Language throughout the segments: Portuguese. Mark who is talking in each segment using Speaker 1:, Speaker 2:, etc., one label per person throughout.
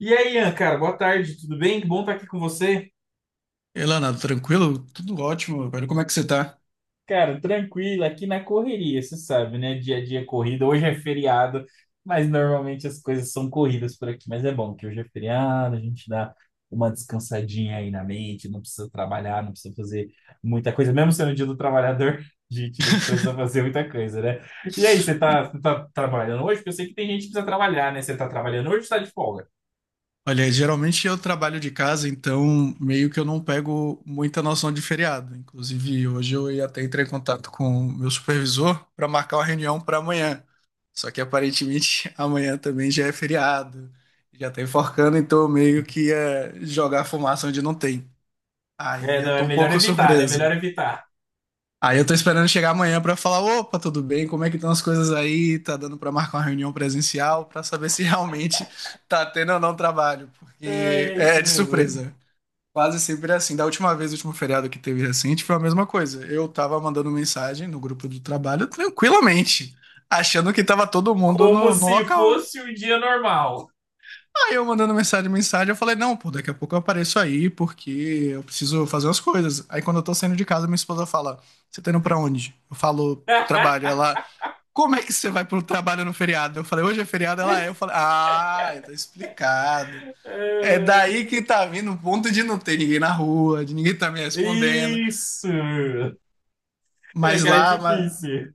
Speaker 1: E aí, Ian, cara, boa tarde, tudo bem? Que bom estar aqui com você.
Speaker 2: E lá, nada, tranquilo? Tudo ótimo, velho. Como é que você tá?
Speaker 1: Cara, tranquilo, aqui na correria, você sabe, né? Dia a dia é corrida. Hoje é feriado, mas normalmente as coisas são corridas por aqui. Mas é bom que hoje é feriado, a gente dá uma descansadinha aí na mente, não precisa trabalhar, não precisa fazer muita coisa. Mesmo sendo o dia do trabalhador, a gente não precisa fazer muita coisa, né? E aí, você tá trabalhando hoje? Porque eu sei que tem gente que precisa trabalhar, né? Você tá trabalhando hoje ou você tá de folga?
Speaker 2: Olha, geralmente eu trabalho de casa, então meio que eu não pego muita noção de feriado. Inclusive, hoje eu ia até entrar em contato com o meu supervisor para marcar uma reunião para amanhã. Só que aparentemente amanhã também já é feriado, já tá enforcando, então eu meio que ia jogar fumaça onde não tem. Aí
Speaker 1: É,
Speaker 2: eu
Speaker 1: não, é
Speaker 2: tô um
Speaker 1: melhor
Speaker 2: pouco
Speaker 1: evitar, né? É melhor
Speaker 2: surpreso.
Speaker 1: evitar.
Speaker 2: Aí eu tô esperando chegar amanhã pra falar, opa, tudo bem? Como é que estão as coisas aí? Tá dando pra marcar uma reunião presencial pra saber se realmente tá tendo ou não trabalho, porque
Speaker 1: É, é
Speaker 2: é
Speaker 1: isso
Speaker 2: é de
Speaker 1: mesmo.
Speaker 2: surpresa. Quase sempre é assim. Da última vez, o último feriado que teve recente, foi a mesma coisa. Eu tava mandando mensagem no grupo do trabalho tranquilamente, achando que tava todo mundo
Speaker 1: Como
Speaker 2: no
Speaker 1: se
Speaker 2: local.
Speaker 1: fosse um dia normal.
Speaker 2: Aí eu mandando mensagem, mensagem, eu falei, não, pô, daqui a pouco eu apareço aí, porque eu preciso fazer umas coisas. Aí quando eu tô saindo de casa, minha esposa fala, você tá indo pra onde? Eu falo, pro trabalho. Ela, como é que você vai pro trabalho no feriado? Eu falei, hoje é feriado, ela é. Eu falei, ah, tá explicado. É daí
Speaker 1: É,
Speaker 2: que tá vindo o ponto de não ter ninguém na rua, de ninguém tá me respondendo.
Speaker 1: isso! É,
Speaker 2: Mas
Speaker 1: cara, é
Speaker 2: lá, mas,
Speaker 1: difícil.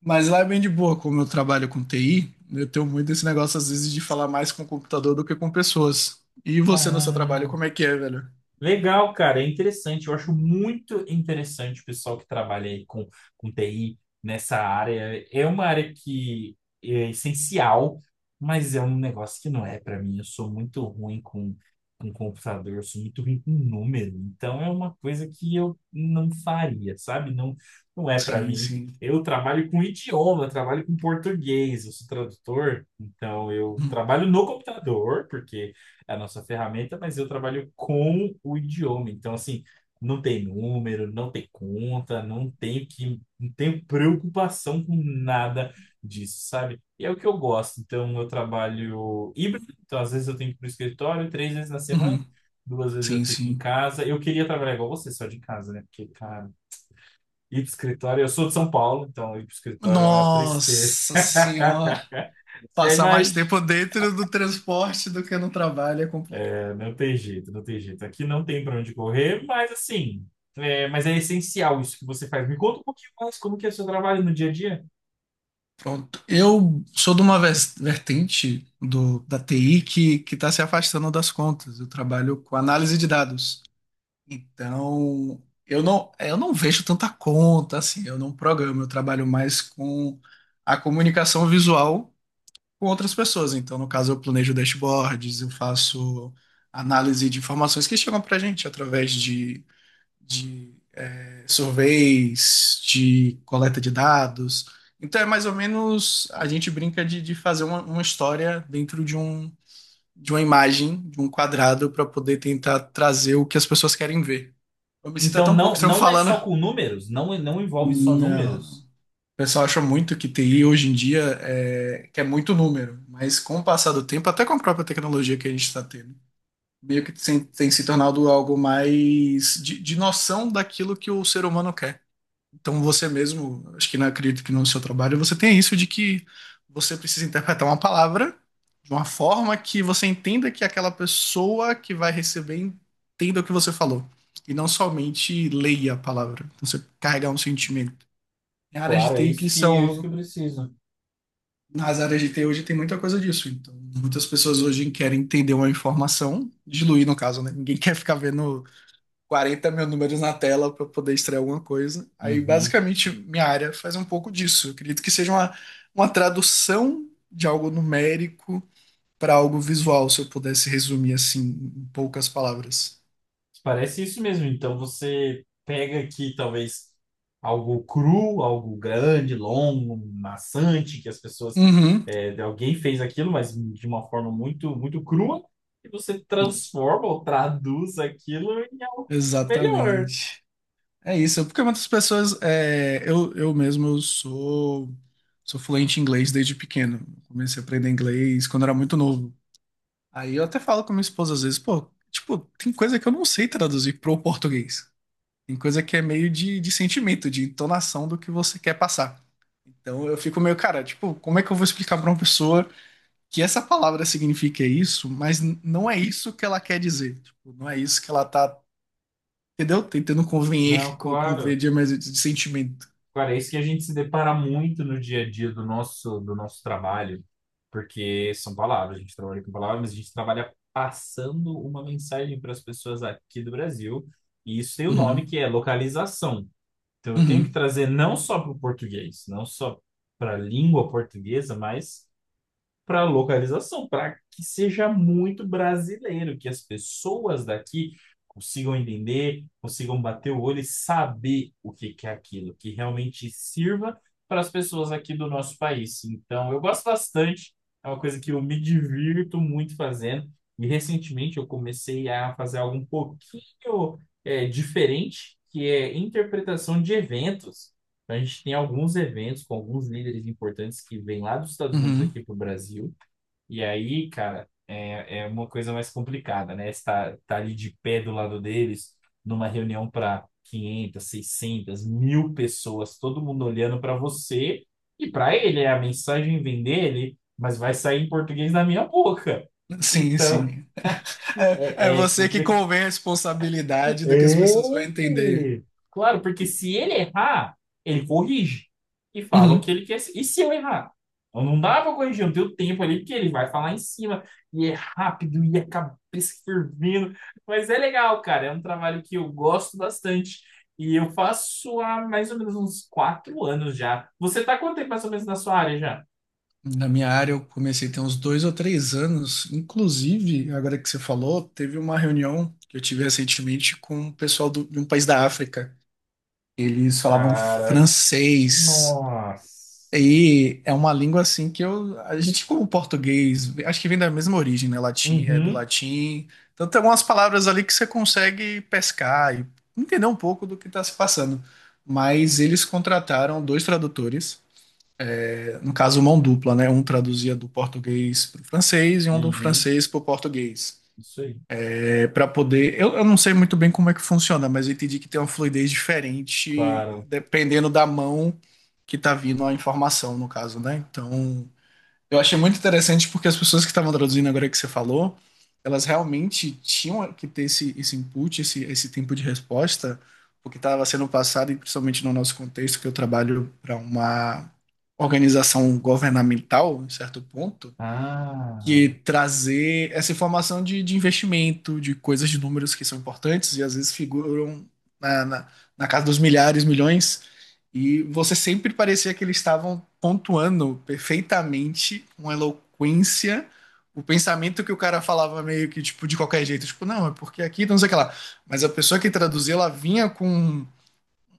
Speaker 2: mas lá é bem de boa, como eu trabalho com TI, eu tenho muito esse negócio, às vezes, de falar mais com o computador do que com pessoas. E você no seu trabalho,
Speaker 1: Ah.
Speaker 2: como é que é, velho?
Speaker 1: Legal, cara, é interessante. Eu acho muito interessante o pessoal que trabalha aí com TI nessa área. É uma área que é essencial, mas é um negócio que não é para mim. Eu sou muito ruim com computador, eu sou muito ruim com número. Então é uma coisa que eu não faria, sabe? Não, não é para
Speaker 2: Sim,
Speaker 1: mim.
Speaker 2: sim.
Speaker 1: Eu trabalho com idioma, eu trabalho com português, eu sou tradutor, então eu
Speaker 2: Uhum.
Speaker 1: trabalho no computador, porque é a nossa ferramenta, mas eu trabalho com o idioma. Então, assim, não tem número, não tem conta, não tenho preocupação com nada disso, sabe? E é o que eu gosto. Então, eu trabalho híbrido, então às vezes eu tenho que ir para o escritório 3 vezes na semana,
Speaker 2: Uhum.
Speaker 1: duas vezes eu
Speaker 2: Sim,
Speaker 1: fico em
Speaker 2: sim.
Speaker 1: casa. Eu queria trabalhar igual você, só de casa, né? Porque, cara, ir para o escritório, eu sou de São Paulo, então ir para o escritório é uma tristeza.
Speaker 2: Nossa senhora.
Speaker 1: Já
Speaker 2: Passar mais tempo dentro do transporte do que no trabalho é complicado.
Speaker 1: não tem jeito, não tem jeito. Aqui não tem para onde correr, mas assim, é, mas é essencial isso que você faz. Me conta um pouquinho mais como que é o seu trabalho no dia a dia.
Speaker 2: Pronto. Eu sou de uma vertente da TI que está se afastando das contas. Eu trabalho com análise de dados. Então, eu não vejo tanta conta, assim, eu não programo, eu trabalho mais com a comunicação visual com outras pessoas. Então, no caso, eu planejo dashboards, eu faço análise de informações que chegam para a gente através de surveys, de coleta de dados. Então, é mais ou menos a gente brinca de fazer uma história dentro de uma imagem, de um quadrado, para poder tentar trazer o que as pessoas querem ver. Eu me sinto
Speaker 1: Então
Speaker 2: até um pouco
Speaker 1: não
Speaker 2: estranho
Speaker 1: não é
Speaker 2: falando.
Speaker 1: só com números, não envolve só
Speaker 2: Não. O
Speaker 1: números.
Speaker 2: pessoal acha muito que TI hoje em dia é, que é muito número, mas com o passar do tempo, até com a própria tecnologia que a gente está tendo, meio que tem se tornado algo mais de noção daquilo que o ser humano quer. Então você mesmo, acho que não acredito que no seu trabalho você tem isso de que você precisa interpretar uma palavra de uma forma que você entenda que aquela pessoa que vai receber entenda o que você falou. E não somente leia a palavra. Então você carregar um sentimento. Em áreas
Speaker 1: Claro,
Speaker 2: de
Speaker 1: é
Speaker 2: TI que
Speaker 1: isso que eu
Speaker 2: são
Speaker 1: preciso.
Speaker 2: Nas áreas de TI hoje tem muita coisa disso. Então, muitas pessoas hoje querem entender uma informação, diluir no caso, né? Ninguém quer ficar vendo 40 mil números na tela para poder extrair alguma coisa. Aí,
Speaker 1: Uhum.
Speaker 2: basicamente, minha área faz um pouco disso. Eu acredito que seja uma tradução de algo numérico para algo visual, se eu pudesse resumir assim, em poucas palavras.
Speaker 1: Parece isso mesmo. Então você pega aqui talvez algo cru, algo grande, longo, maçante, que as pessoas,
Speaker 2: Uhum,
Speaker 1: é, alguém fez aquilo, mas de uma forma muito, muito crua, e você transforma ou traduz aquilo em algo melhor.
Speaker 2: exatamente. É isso, porque muitas pessoas, eu mesmo sou fluente em inglês desde pequeno. Comecei a aprender inglês quando era muito novo. Aí eu até falo com minha esposa às vezes, pô, tipo, tem coisa que eu não sei traduzir pro português. Tem coisa que é meio de sentimento, de entonação do que você quer passar. Então eu fico meio, cara, tipo, como é que eu vou explicar pra uma pessoa que essa palavra significa isso, mas não é isso que ela quer dizer. Tipo, não é isso que ela tá, entendeu? Tentando
Speaker 1: Não,
Speaker 2: convenher,
Speaker 1: claro.
Speaker 2: convencer, mas de sentimento.
Speaker 1: Cara, é isso que a gente se depara muito no dia a dia do nosso trabalho, porque são palavras, a gente trabalha com palavras, mas a gente trabalha passando uma mensagem para as pessoas aqui do Brasil, e isso tem o nome
Speaker 2: Uhum,
Speaker 1: que é localização. Então eu tenho que
Speaker 2: uhum,
Speaker 1: trazer não só para o português, não só para a língua portuguesa, mas para localização, para que seja muito brasileiro, que as pessoas daqui consigam entender, consigam bater o olho e saber o que que é aquilo, que realmente sirva para as pessoas aqui do nosso país. Então, eu gosto bastante, é uma coisa que eu me divirto muito fazendo. E recentemente eu comecei a fazer algo um pouquinho é, diferente, que é interpretação de eventos. Então, a gente tem alguns eventos com alguns líderes importantes que vêm lá dos Estados Unidos
Speaker 2: uhum.
Speaker 1: aqui para o Brasil. E aí, cara, é, é uma coisa mais complicada, né? Estar tá tá ali de pé do lado deles, numa reunião para 500, 600, 1.000 pessoas, todo mundo olhando para você e para ele. A mensagem vem dele, mas vai sair em português da minha boca.
Speaker 2: Sim,
Speaker 1: Então,
Speaker 2: sim. É
Speaker 1: é, é
Speaker 2: você que
Speaker 1: complicado
Speaker 2: convém a responsabilidade do que as
Speaker 1: é.
Speaker 2: pessoas vão entender.
Speaker 1: Claro, porque se ele errar, ele corrige e fala o que
Speaker 2: Uhum.
Speaker 1: ele quer. E se eu errar? Eu não dá pra corrigir, eu não tenho tempo ali, porque ele vai falar em cima, e é rápido, e a cabeça fervendo. Mas é legal, cara, é um trabalho que eu gosto bastante. E eu faço há mais ou menos uns 4 anos já. Você tá quanto tempo mais ou menos na sua área já?
Speaker 2: Na minha área, eu comecei tem uns dois ou três anos. Inclusive, agora que você falou, teve uma reunião que eu tive recentemente com o pessoal de um país da África. Eles falavam
Speaker 1: Cara,
Speaker 2: francês.
Speaker 1: nossa.
Speaker 2: E é uma língua assim que eu, a gente como português, acho que vem da mesma origem, né? Latim, é do
Speaker 1: Uhum,
Speaker 2: latim. Então tem algumas palavras ali que você consegue pescar e entender um pouco do que está se passando. Mas eles contrataram dois tradutores, é, no caso mão dupla, né? Um traduzia do português para o francês e um do
Speaker 1: uhum,
Speaker 2: francês para o português,
Speaker 1: isso aí,
Speaker 2: é, para poder. Eu não sei muito bem como é que funciona, mas eu entendi que tem uma fluidez diferente
Speaker 1: claro.
Speaker 2: dependendo da mão que está vindo a informação, no caso, né? Então eu achei muito interessante porque as pessoas que estavam traduzindo agora que você falou, elas realmente tinham que ter esse tempo de resposta, porque estava sendo passado, e principalmente no nosso contexto, que eu trabalho para uma organização governamental, em certo ponto,
Speaker 1: Ah.
Speaker 2: que trazer essa informação de investimento, de coisas de números que são importantes e às vezes figuram na, na, na casa dos milhares, milhões, e você sempre parecia que eles estavam pontuando perfeitamente com eloquência o pensamento que o cara falava meio que tipo de qualquer jeito, tipo, não, é porque aqui, não sei o que lá. Mas a pessoa que traduzia, ela vinha com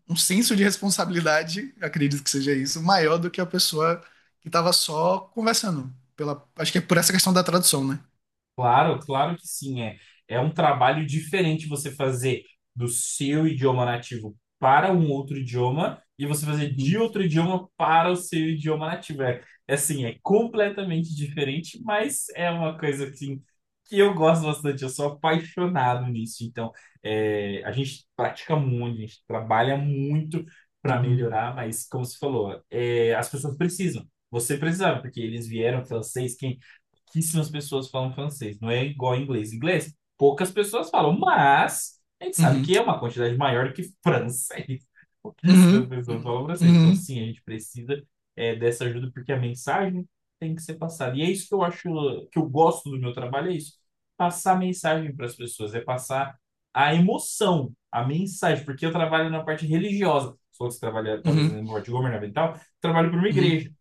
Speaker 2: um senso de responsabilidade, acredito que seja isso, maior do que a pessoa que estava só conversando. Pela, acho que é por essa questão da tradução, né?
Speaker 1: Claro, claro que sim, é. É um trabalho diferente você fazer do seu idioma nativo para um outro idioma e você fazer de
Speaker 2: Uhum,
Speaker 1: outro idioma para o seu idioma nativo. É, é assim, é completamente diferente, mas é uma coisa assim, que eu gosto bastante, eu sou apaixonado nisso. Então, é, a gente pratica muito, a gente trabalha muito para
Speaker 2: uhum,
Speaker 1: melhorar, mas como você falou, é, as pessoas precisam. Você precisava, porque eles vieram francês, pouquíssimas pessoas falam francês, não é igual ao inglês. Inglês, poucas pessoas falam, mas a gente sabe
Speaker 2: uhum,
Speaker 1: que é uma quantidade maior que francês. Pouquíssimas
Speaker 2: uhum,
Speaker 1: pessoas falam francês. Então,
Speaker 2: uhum,
Speaker 1: sim, a gente precisa é, dessa ajuda porque a mensagem tem que ser passada. E é isso que eu acho, que eu gosto do meu trabalho, é isso. Passar mensagem para as pessoas, é passar a emoção, a mensagem, porque eu trabalho na parte religiosa. Se fosse trabalhar,
Speaker 2: uhum,
Speaker 1: talvez, na
Speaker 2: uhum,
Speaker 1: parte governamental, trabalho para uma
Speaker 2: uhum.
Speaker 1: igreja.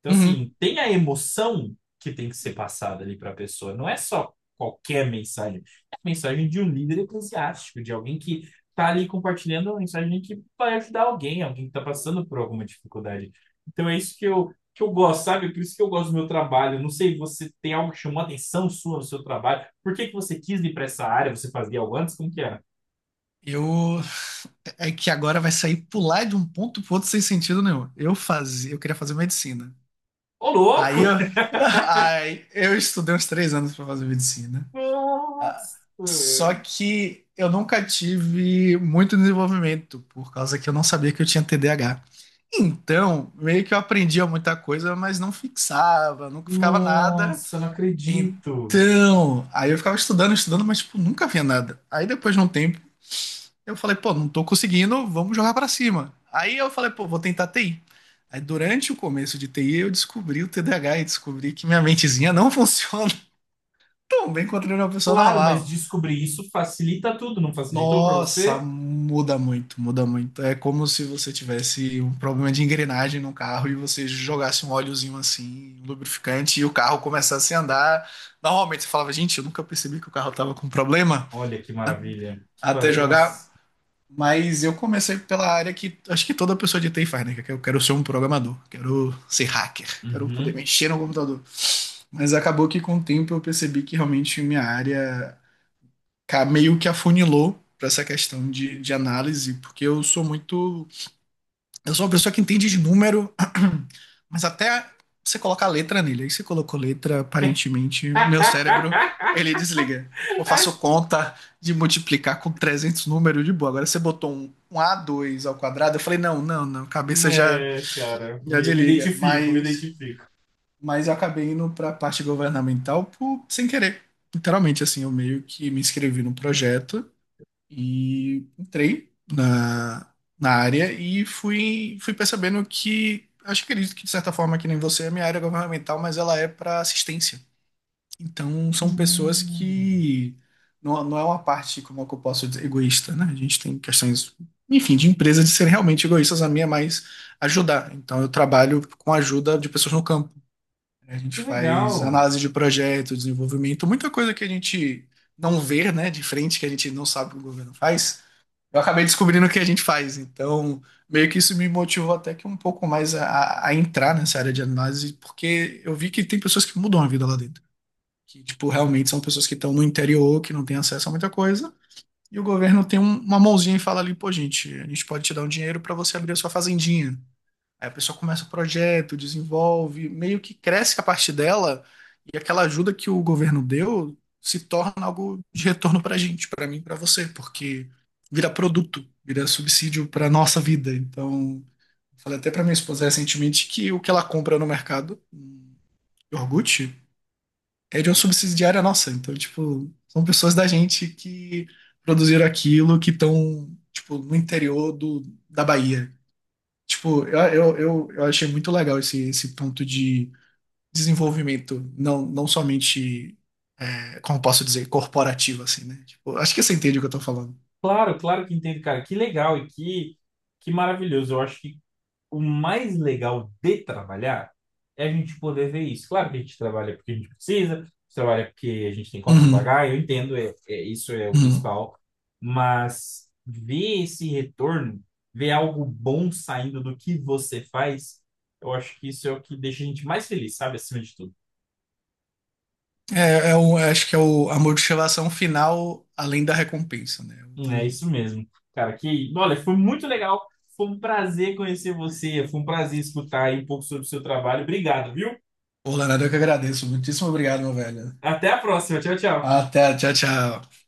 Speaker 1: Então,
Speaker 2: Uhum.
Speaker 1: assim, tem a emoção que tem que ser passada ali para a pessoa. Não é só qualquer mensagem. É a mensagem de um líder eclesiástico, de alguém que está ali compartilhando uma mensagem que vai ajudar alguém, alguém que está passando por alguma dificuldade. Então, é isso que eu gosto, sabe? Por isso que eu gosto do meu trabalho. Não sei, você tem algo que chamou a atenção sua no seu trabalho? Por que que você quis ir para essa área? Você fazia algo antes? Como que era?
Speaker 2: Eu é que agora vai sair pular de um ponto pro outro sem sentido nenhum. Eu fazia, eu queria fazer medicina.
Speaker 1: Ô,
Speaker 2: Aí
Speaker 1: louco!
Speaker 2: eu, aí eu estudei uns três anos para fazer medicina. Ah.
Speaker 1: Nossa!
Speaker 2: Só que eu nunca tive muito desenvolvimento, por causa que eu não sabia que eu tinha TDAH. Então, meio que eu aprendia muita coisa, mas não fixava, nunca ficava nada.
Speaker 1: Nossa, não acredito!
Speaker 2: Então, aí eu ficava estudando, estudando, mas tipo, nunca via nada. Aí depois de um tempo, eu falei, pô, não tô conseguindo, vamos jogar pra cima. Aí eu falei, pô, vou tentar TI. Aí durante o começo de TI, eu descobri o TDAH e descobri que minha mentezinha não funciona tão bem quanto de uma pessoa
Speaker 1: Claro, mas
Speaker 2: normal.
Speaker 1: descobrir isso facilita tudo, não facilitou para
Speaker 2: Nossa,
Speaker 1: você?
Speaker 2: muda muito, muda muito. É como se você tivesse um problema de engrenagem no carro e você jogasse um óleozinho assim, um lubrificante, e o carro começasse a andar. Normalmente você falava, gente, eu nunca percebi que o carro tava com problema
Speaker 1: Olha que maravilha. Que
Speaker 2: até
Speaker 1: par...
Speaker 2: jogar.
Speaker 1: Nossa.
Speaker 2: Mas eu comecei pela área que acho que toda pessoa de TI faz, né? Que eu quero ser um programador, quero ser hacker, quero poder
Speaker 1: Uhum.
Speaker 2: mexer no computador. Mas acabou que com o tempo eu percebi que realmente minha área meio que afunilou para essa questão de análise, porque eu sou muito. Eu sou uma pessoa que entende de número, mas até você colocar letra nele. Aí você colocou letra, aparentemente, meu cérebro, ele desliga. Eu faço conta de multiplicar com 300 números de boa. Agora você botou um a dois ao quadrado, eu falei, não, não, não, cabeça já,
Speaker 1: É, cara,
Speaker 2: já
Speaker 1: eu me
Speaker 2: desliga.
Speaker 1: identifico, me
Speaker 2: Mas,
Speaker 1: identifico.
Speaker 2: mas eu acabei indo para a parte governamental sem querer. Literalmente, assim, eu meio que me inscrevi num projeto. E entrei na área e fui percebendo que, acho que acredito que de certa forma, que nem você, a minha área é governamental, mas ela é para assistência. Então, são pessoas
Speaker 1: Hum,
Speaker 2: que não, não é uma parte, como é que eu posso dizer, egoísta, né? A gente tem questões, enfim, de empresas de serem realmente egoístas, a minha é mais ajudar. Então, eu trabalho com a ajuda de pessoas no campo. A gente
Speaker 1: que
Speaker 2: faz
Speaker 1: legal.
Speaker 2: análise de projeto, desenvolvimento, muita coisa que a gente não vê, né, de frente, que a gente não sabe que o governo faz. Eu acabei descobrindo o que a gente faz. Então, meio que isso me motivou até que um pouco mais a entrar nessa área de análise, porque eu vi que tem pessoas que mudam a vida lá dentro. Que, tipo, realmente são pessoas que estão no interior, que não têm acesso a muita coisa. E o governo tem uma mãozinha e fala ali, pô, gente, a gente pode te dar um dinheiro para você abrir a sua fazendinha. Aí a pessoa começa o projeto, desenvolve, meio que cresce a parte dela e aquela ajuda que o governo deu se torna algo de retorno para a gente, para mim, para você, porque vira produto, vira subsídio para nossa vida. Então, falei até para minha esposa recentemente que o que ela compra no mercado, iogurte, é de uma subsidiária nossa. Então, tipo, são pessoas da gente que produziram aquilo, que estão, tipo, no interior da Bahia. Tipo, eu achei muito legal esse ponto de desenvolvimento, não, não somente, é, como posso dizer, corporativo, assim, né? Tipo, acho que você entende o que eu tô falando.
Speaker 1: Claro, claro que entendo, cara. Que legal e que maravilhoso. Eu acho que o mais legal de trabalhar é a gente poder ver isso. Claro que a gente trabalha porque a gente precisa, a gente trabalha porque a gente tem conta para
Speaker 2: Uhum,
Speaker 1: pagar, eu entendo, é, isso é o
Speaker 2: uhum.
Speaker 1: principal, mas ver esse retorno, ver algo bom saindo do que você faz, eu acho que isso é o que deixa a gente mais feliz, sabe? Acima de tudo.
Speaker 2: É, um, é o, acho que é o, a motivação final além da recompensa, né?
Speaker 1: É
Speaker 2: O,
Speaker 1: isso mesmo. Cara, que, olha, foi muito legal. Foi um prazer conhecer você, foi um prazer escutar aí um pouco sobre o seu trabalho. Obrigado, viu?
Speaker 2: o Leonardo, eu que agradeço. Muitíssimo obrigado, meu velho.
Speaker 1: Até a próxima. Tchau, tchau.
Speaker 2: Até, tchau, tchau.